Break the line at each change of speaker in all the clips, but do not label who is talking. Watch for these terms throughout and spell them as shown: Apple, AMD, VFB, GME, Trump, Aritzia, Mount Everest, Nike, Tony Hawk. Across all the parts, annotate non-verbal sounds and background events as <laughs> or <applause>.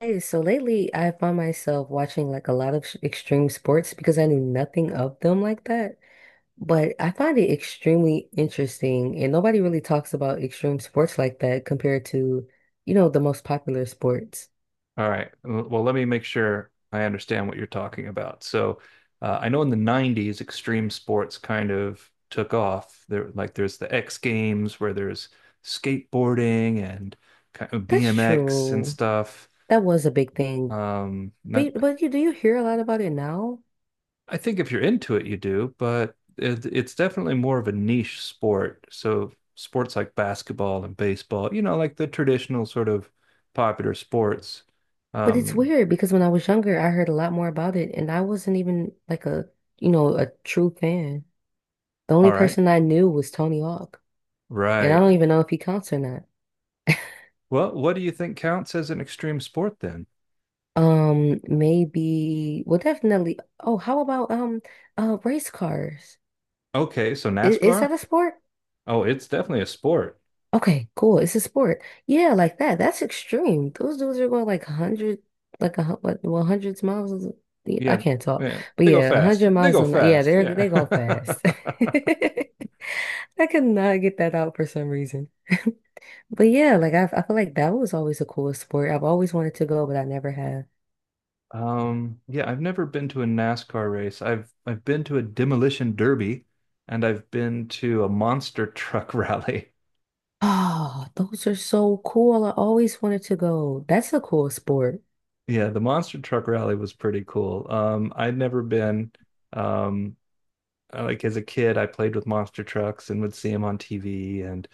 Hey, so lately I find myself watching like a lot of extreme sports because I knew nothing of them like that. But I find it extremely interesting, and nobody really talks about extreme sports like that compared to, you know, the most popular sports.
All right. Well, let me make sure I understand what you're talking about. I know in the 90s, extreme sports kind of took off. Like there's the X Games where there's skateboarding and kind of
That's
BMX and
true.
stuff.
That was a big thing.
Not,
But you do you hear a lot about it now?
I think if you're into it, you do, but it's definitely more of a niche sport. So, sports like basketball and baseball, you know, like the traditional sort of popular sports.
But it's
Um,
weird because when I was younger, I heard a lot more about it, and I wasn't even like a, you know, a true fan. The only
all right.
person I knew was Tony Hawk, and I
Right.
don't even know if he counts or not.
Well, what do you think counts as an extreme sport then?
Maybe, well, definitely. Oh, how about race cars?
Okay, so
Is
NASCAR?
that a sport?
Oh, it's definitely a sport.
Okay, cool. It's a sport. Yeah, like that. That's extreme. Those dudes are going like a hundred, like a hundreds miles. Yeah, I
Yeah,
can't talk,
yeah,
but
they go
yeah, a
fast.
hundred
They
miles
go
an hour. Yeah,
fast.
they're
Yeah.
they go fast.
<laughs>
<laughs> I could not get that out for some reason. But yeah, like I feel like that was always a cool sport. I've always wanted to go, but I never have.
Yeah, I've never been to a NASCAR race. I've been to a demolition derby and I've been to a monster truck <laughs> rally.
Oh, those are so cool. I always wanted to go. That's a cool sport.
Yeah, the monster truck rally was pretty cool. I'd never been. Um, like as a kid, I played with monster trucks and would see them on TV, and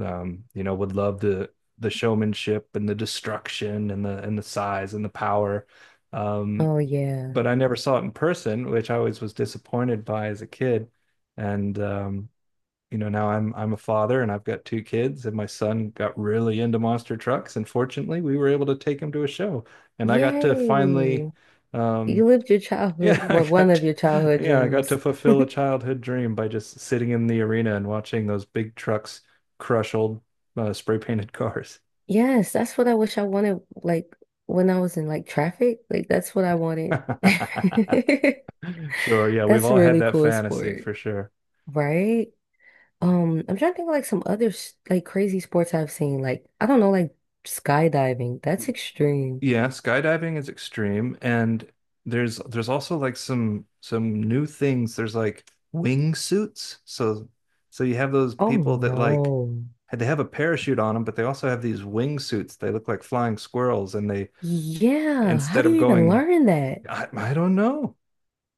you know, would love the showmanship and the destruction and the size and the power. Um,
Oh yeah.
but I never saw it in person, which I always was disappointed by as a kid. And You know, now I'm a father and I've got two kids, and my son got really into monster trucks, and fortunately, we were able to take him to a show, and I got to finally.
Yay. You
Um,
lived your childhood,
yeah, <laughs>
well, one of your childhood
yeah, I got to
dreams.
fulfill a childhood dream by just sitting in the arena and watching those big trucks crush old spray painted cars.
Yes, that's what I wish I wanted, like when I was in like traffic. Like that's what I wanted.
<laughs>
<laughs>
Sure, yeah, we've
That's a
all had
really
that
cool
fantasy
sport,
for sure.
right? I'm trying to think of like some other like crazy sports I've seen. Like, I don't know, like skydiving. That's extreme.
Yeah, skydiving is extreme and there's also like some new things. There's like wingsuits. So you have those
Oh
people that like,
no.
they have a parachute on them, but they also have these wingsuits. They look like flying squirrels and they
Yeah. How
instead
do
of
you even
going
learn that?
I Don't know.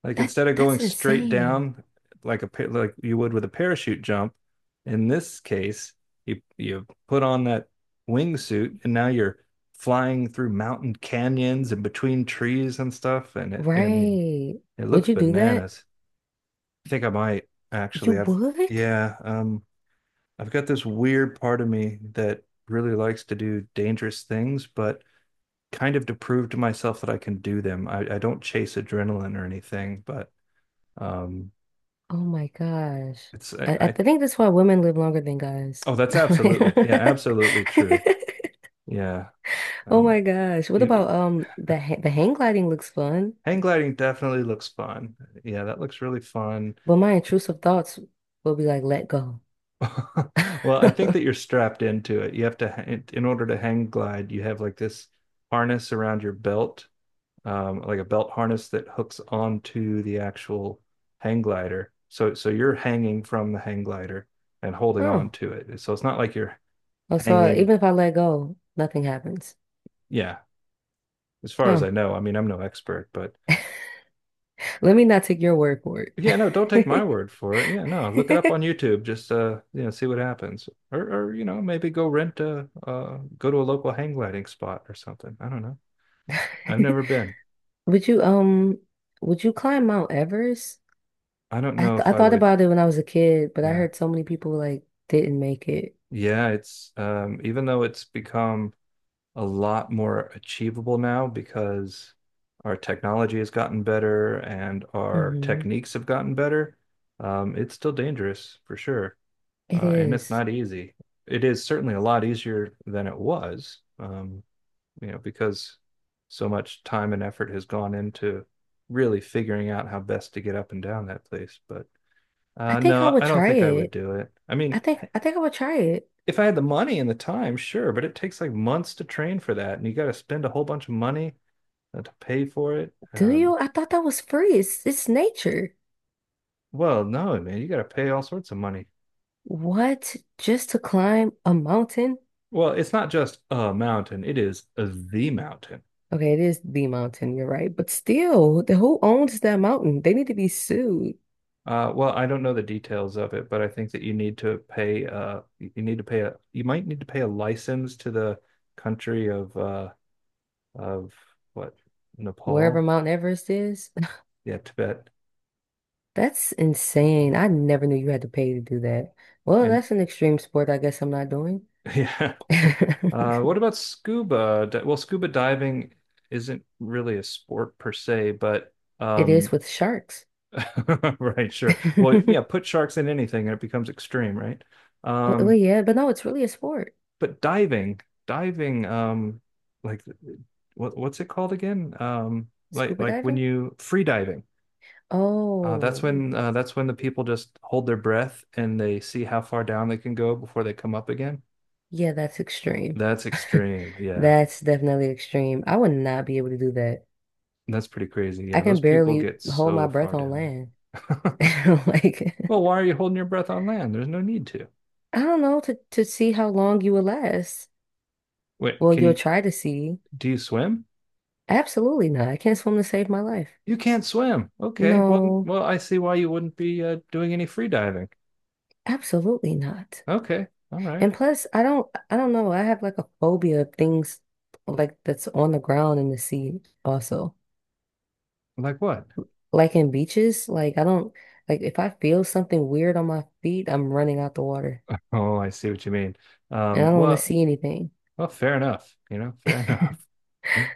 Like
That
instead of going
that's
straight
insane.
down like you would with a parachute jump, in this case, you put on that wingsuit and now you're flying through mountain canyons and between trees and stuff. And it, I mean,
Right.
it
Would
looks
you do that?
bananas. I think I might
You
actually.
would?
Yeah, um, I've got this weird part of me that really likes to do dangerous things, but kind of to prove to myself that I can do them. I don't chase adrenaline or anything, but um,
Oh my gosh.
it's
I
I
think that's why women live longer than guys.
oh, that's absolutely yeah,
<laughs>
absolutely true. Yeah.
Oh
Um,
my gosh. What
you,
about the ha the hang gliding looks fun,
Hang gliding definitely looks fun. Yeah, that looks really fun.
but my intrusive thoughts will be like let go.
<laughs> Well, I think that you're
<laughs>
strapped into it. You have to ha- In order to hang glide, you have like this harness around your belt, like a belt harness that hooks onto the actual hang glider. So you're hanging from the hang glider and holding on
Oh.
to it. So it's not like you're
Oh, so
hanging,
even if I let go, nothing happens.
yeah, as far as I
Oh.
know. I mean, I'm no expert, but
Let me not take your word for
yeah, no, don't take my
it.
word for it. Yeah, no, look it up on
<laughs>
YouTube. Just you know, see what happens, or you know, maybe go rent a go to a local hang gliding spot or something. I don't know. I've never been.
Would you um would you climb Mount Everest?
I don't know if
I
I
thought
would.
about it when I was a kid, but I
Yeah,
heard so many people like didn't make it.
yeah. It's Even though it's become a lot more achievable now because our technology has gotten better and our
Hmm.
techniques have gotten better. It's still dangerous for sure.
It
And it's
is.
not easy. It is certainly a lot easier than it was, you know, because so much time and effort has gone into really figuring out how best to get up and down that place. But
I think I
no,
would
I don't
try
think I would
it.
do it. I mean,
I
<laughs>
think I think I would try it.
if I had the money and the time, sure, but it takes like months to train for that, and you got to spend a whole bunch of money to pay for it.
Do you? I thought that was free. It's nature.
Well, no, man, you got to pay all sorts of money.
What? Just to climb a mountain?
Well, it's not just a mountain, it is the mountain.
Okay, it is the mountain, you're right. But still, the who owns that mountain? They need to be sued.
Well, I don't know the details of it, but I think that you need to pay you need to pay a you might need to pay a license to the country of what
Wherever
Nepal?
Mount Everest is. <sighs>
Yeah, Tibet.
<laughs> That's insane. I never knew you had to pay to do that. Well,
And
that's an extreme sport I guess I'm not doing.
<laughs> yeah. What
<laughs>
about Well, scuba diving isn't really a sport per se, but
It is
um
with sharks. <laughs>
<laughs> right, sure. Well, yeah, put sharks in anything and it becomes extreme, right?
Oh, well,
Um
yeah, but no, it's really a sport.
but diving, like what's it called again?
Scuba
Like when
diving?
you free diving. That's
Oh,
when that's when the people just hold their breath and they see how far down they can go before they come up again.
yeah, that's extreme.
That's
<laughs>
extreme. Yeah.
That's definitely extreme. I would not be able to do that.
That's pretty crazy.
I
Yeah, those
can
people
barely
get
hold
so
my breath
far
on
down
land.
there. <laughs>
<laughs> Like
Well, why are you holding your breath on land? There's no need to.
I don't know to see how long you will last.
Wait,
Well,
can
you'll
you
try to see.
Do you swim?
Absolutely not. I can't swim to save my life.
You can't swim. Okay. Well,
No,
well, I see why you wouldn't be doing any free diving.
absolutely not.
Okay. All right.
And plus, I don't know. I have like a phobia of things like that's on the ground in the sea also.
Like what?
Like in beaches, like I don't like if I feel something weird on my feet, I'm running out the water.
Oh, I see what you mean.
And I
Um,
don't want to
well,
see anything.
well, fair enough. You know,
<laughs>
fair enough. <laughs>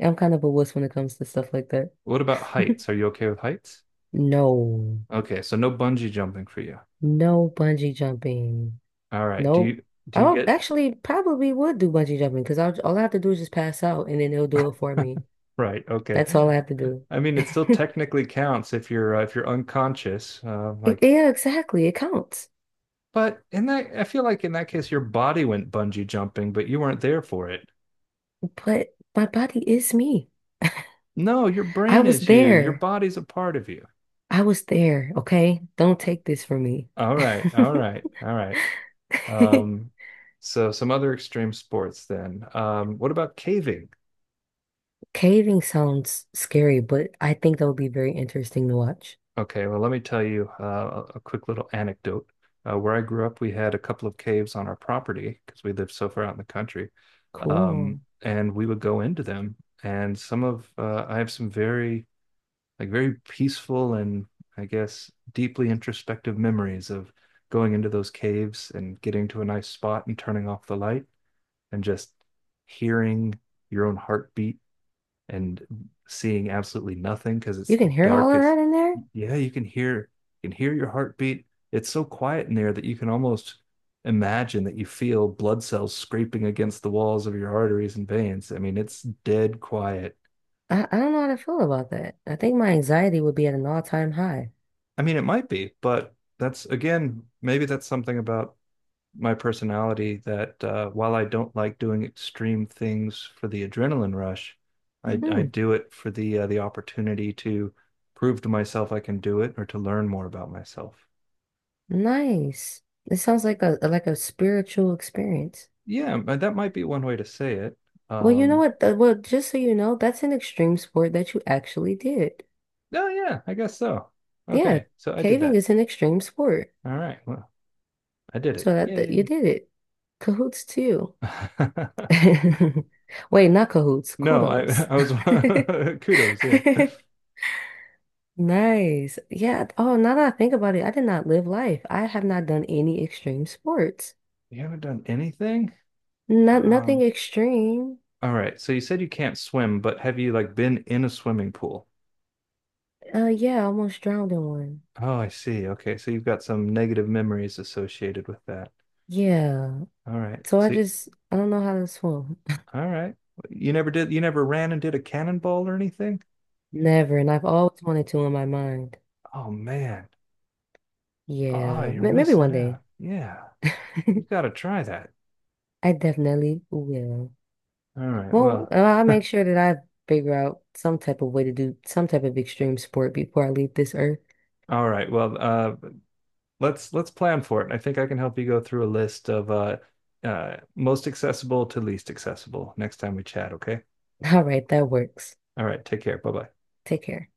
I'm kind of a wuss when it comes to stuff like that.
What about heights?
<laughs>
Are you okay with heights?
No.
Okay, so no bungee jumping for you.
No bungee jumping.
All right.
Nope.
Do you
Oh,
get
actually, probably would do bungee jumping because all I have to do is just pass out and then they'll do it for me.
<laughs> right? Okay.
That's all I have to do.
I mean, it still
<laughs>
technically counts if you're unconscious.
Yeah, exactly. It counts.
But in that, I feel like in that case, your body went bungee jumping, but you weren't there for it.
But my body is me.
No, your
I
brain
was
is you. Your
there.
body's a part of you.
I was there. Okay. Don't take this from me.
All right. All right. All right. Um,
<laughs>
so some other extreme sports then. What about caving?
Caving sounds scary, but I think that would be very interesting to watch.
Okay, well, let me tell you a quick little anecdote. Where I grew up, we had a couple of caves on our property because we lived so far out in the country.
Cool.
And we would go into them. I have some very, like, very peaceful and I guess deeply introspective memories of going into those caves and getting to a nice spot and turning off the light and just hearing your own heartbeat and seeing absolutely nothing because it's
You can
the
hear all of
darkest.
that in there?
Yeah, you can hear, you can hear your heartbeat. It's so quiet in there that you can almost imagine that you feel blood cells scraping against the walls of your arteries and veins. I mean, it's dead quiet.
I don't know how to feel about that. I think my anxiety would be at an all-time high.
I mean, it might be, but that's again, maybe that's something about my personality that while I don't like doing extreme things for the adrenaline rush, mm-hmm. I
Hmm,
do it for the opportunity to prove to myself I can do it or to learn more about myself.
nice. It sounds like a spiritual experience.
Yeah, that might be one way to say it.
Well, you know
Um,
what? Well, just so you know, that's an extreme sport that you actually did.
oh yeah, I guess so.
Yeah,
Okay, so I did
caving
that.
is an extreme sport.
All right, well, I did it.
So that you
Yay.
did it. Cahoots to you.
<laughs>
<laughs> Wait, not cahoots,
No,
kudos.
I was
<laughs>
<laughs> kudos, yeah.
Nice. Yeah. Oh, now that I think about it, I did not live life. I have not done any extreme sports.
You haven't done anything?
Not nothing
Um,
extreme.
All right. So you said you can't swim, but have you like been in a swimming pool?
Yeah, I almost drowned in one.
Oh, I see. Okay. So you've got some negative memories associated with that.
Yeah.
All right.
So I just I don't know how to swim.
All right. You never did, you never ran and did a cannonball or anything?
<laughs> Never, and I've always wanted to in my mind.
Oh, man. Oh,
Yeah,
you're
maybe
missing
one day.
out. Yeah. You got to
<laughs>
try that.
I definitely will.
All right.
Well,
Well,
I'll make sure that I figure out some type of way to do some type of extreme sport before I leave this earth.
all right. Well, let's plan for it. I think I can help you go through a list of most accessible to least accessible next time we chat, okay?
<laughs> All right, that works.
All right. Take care. Bye-bye.
Take care.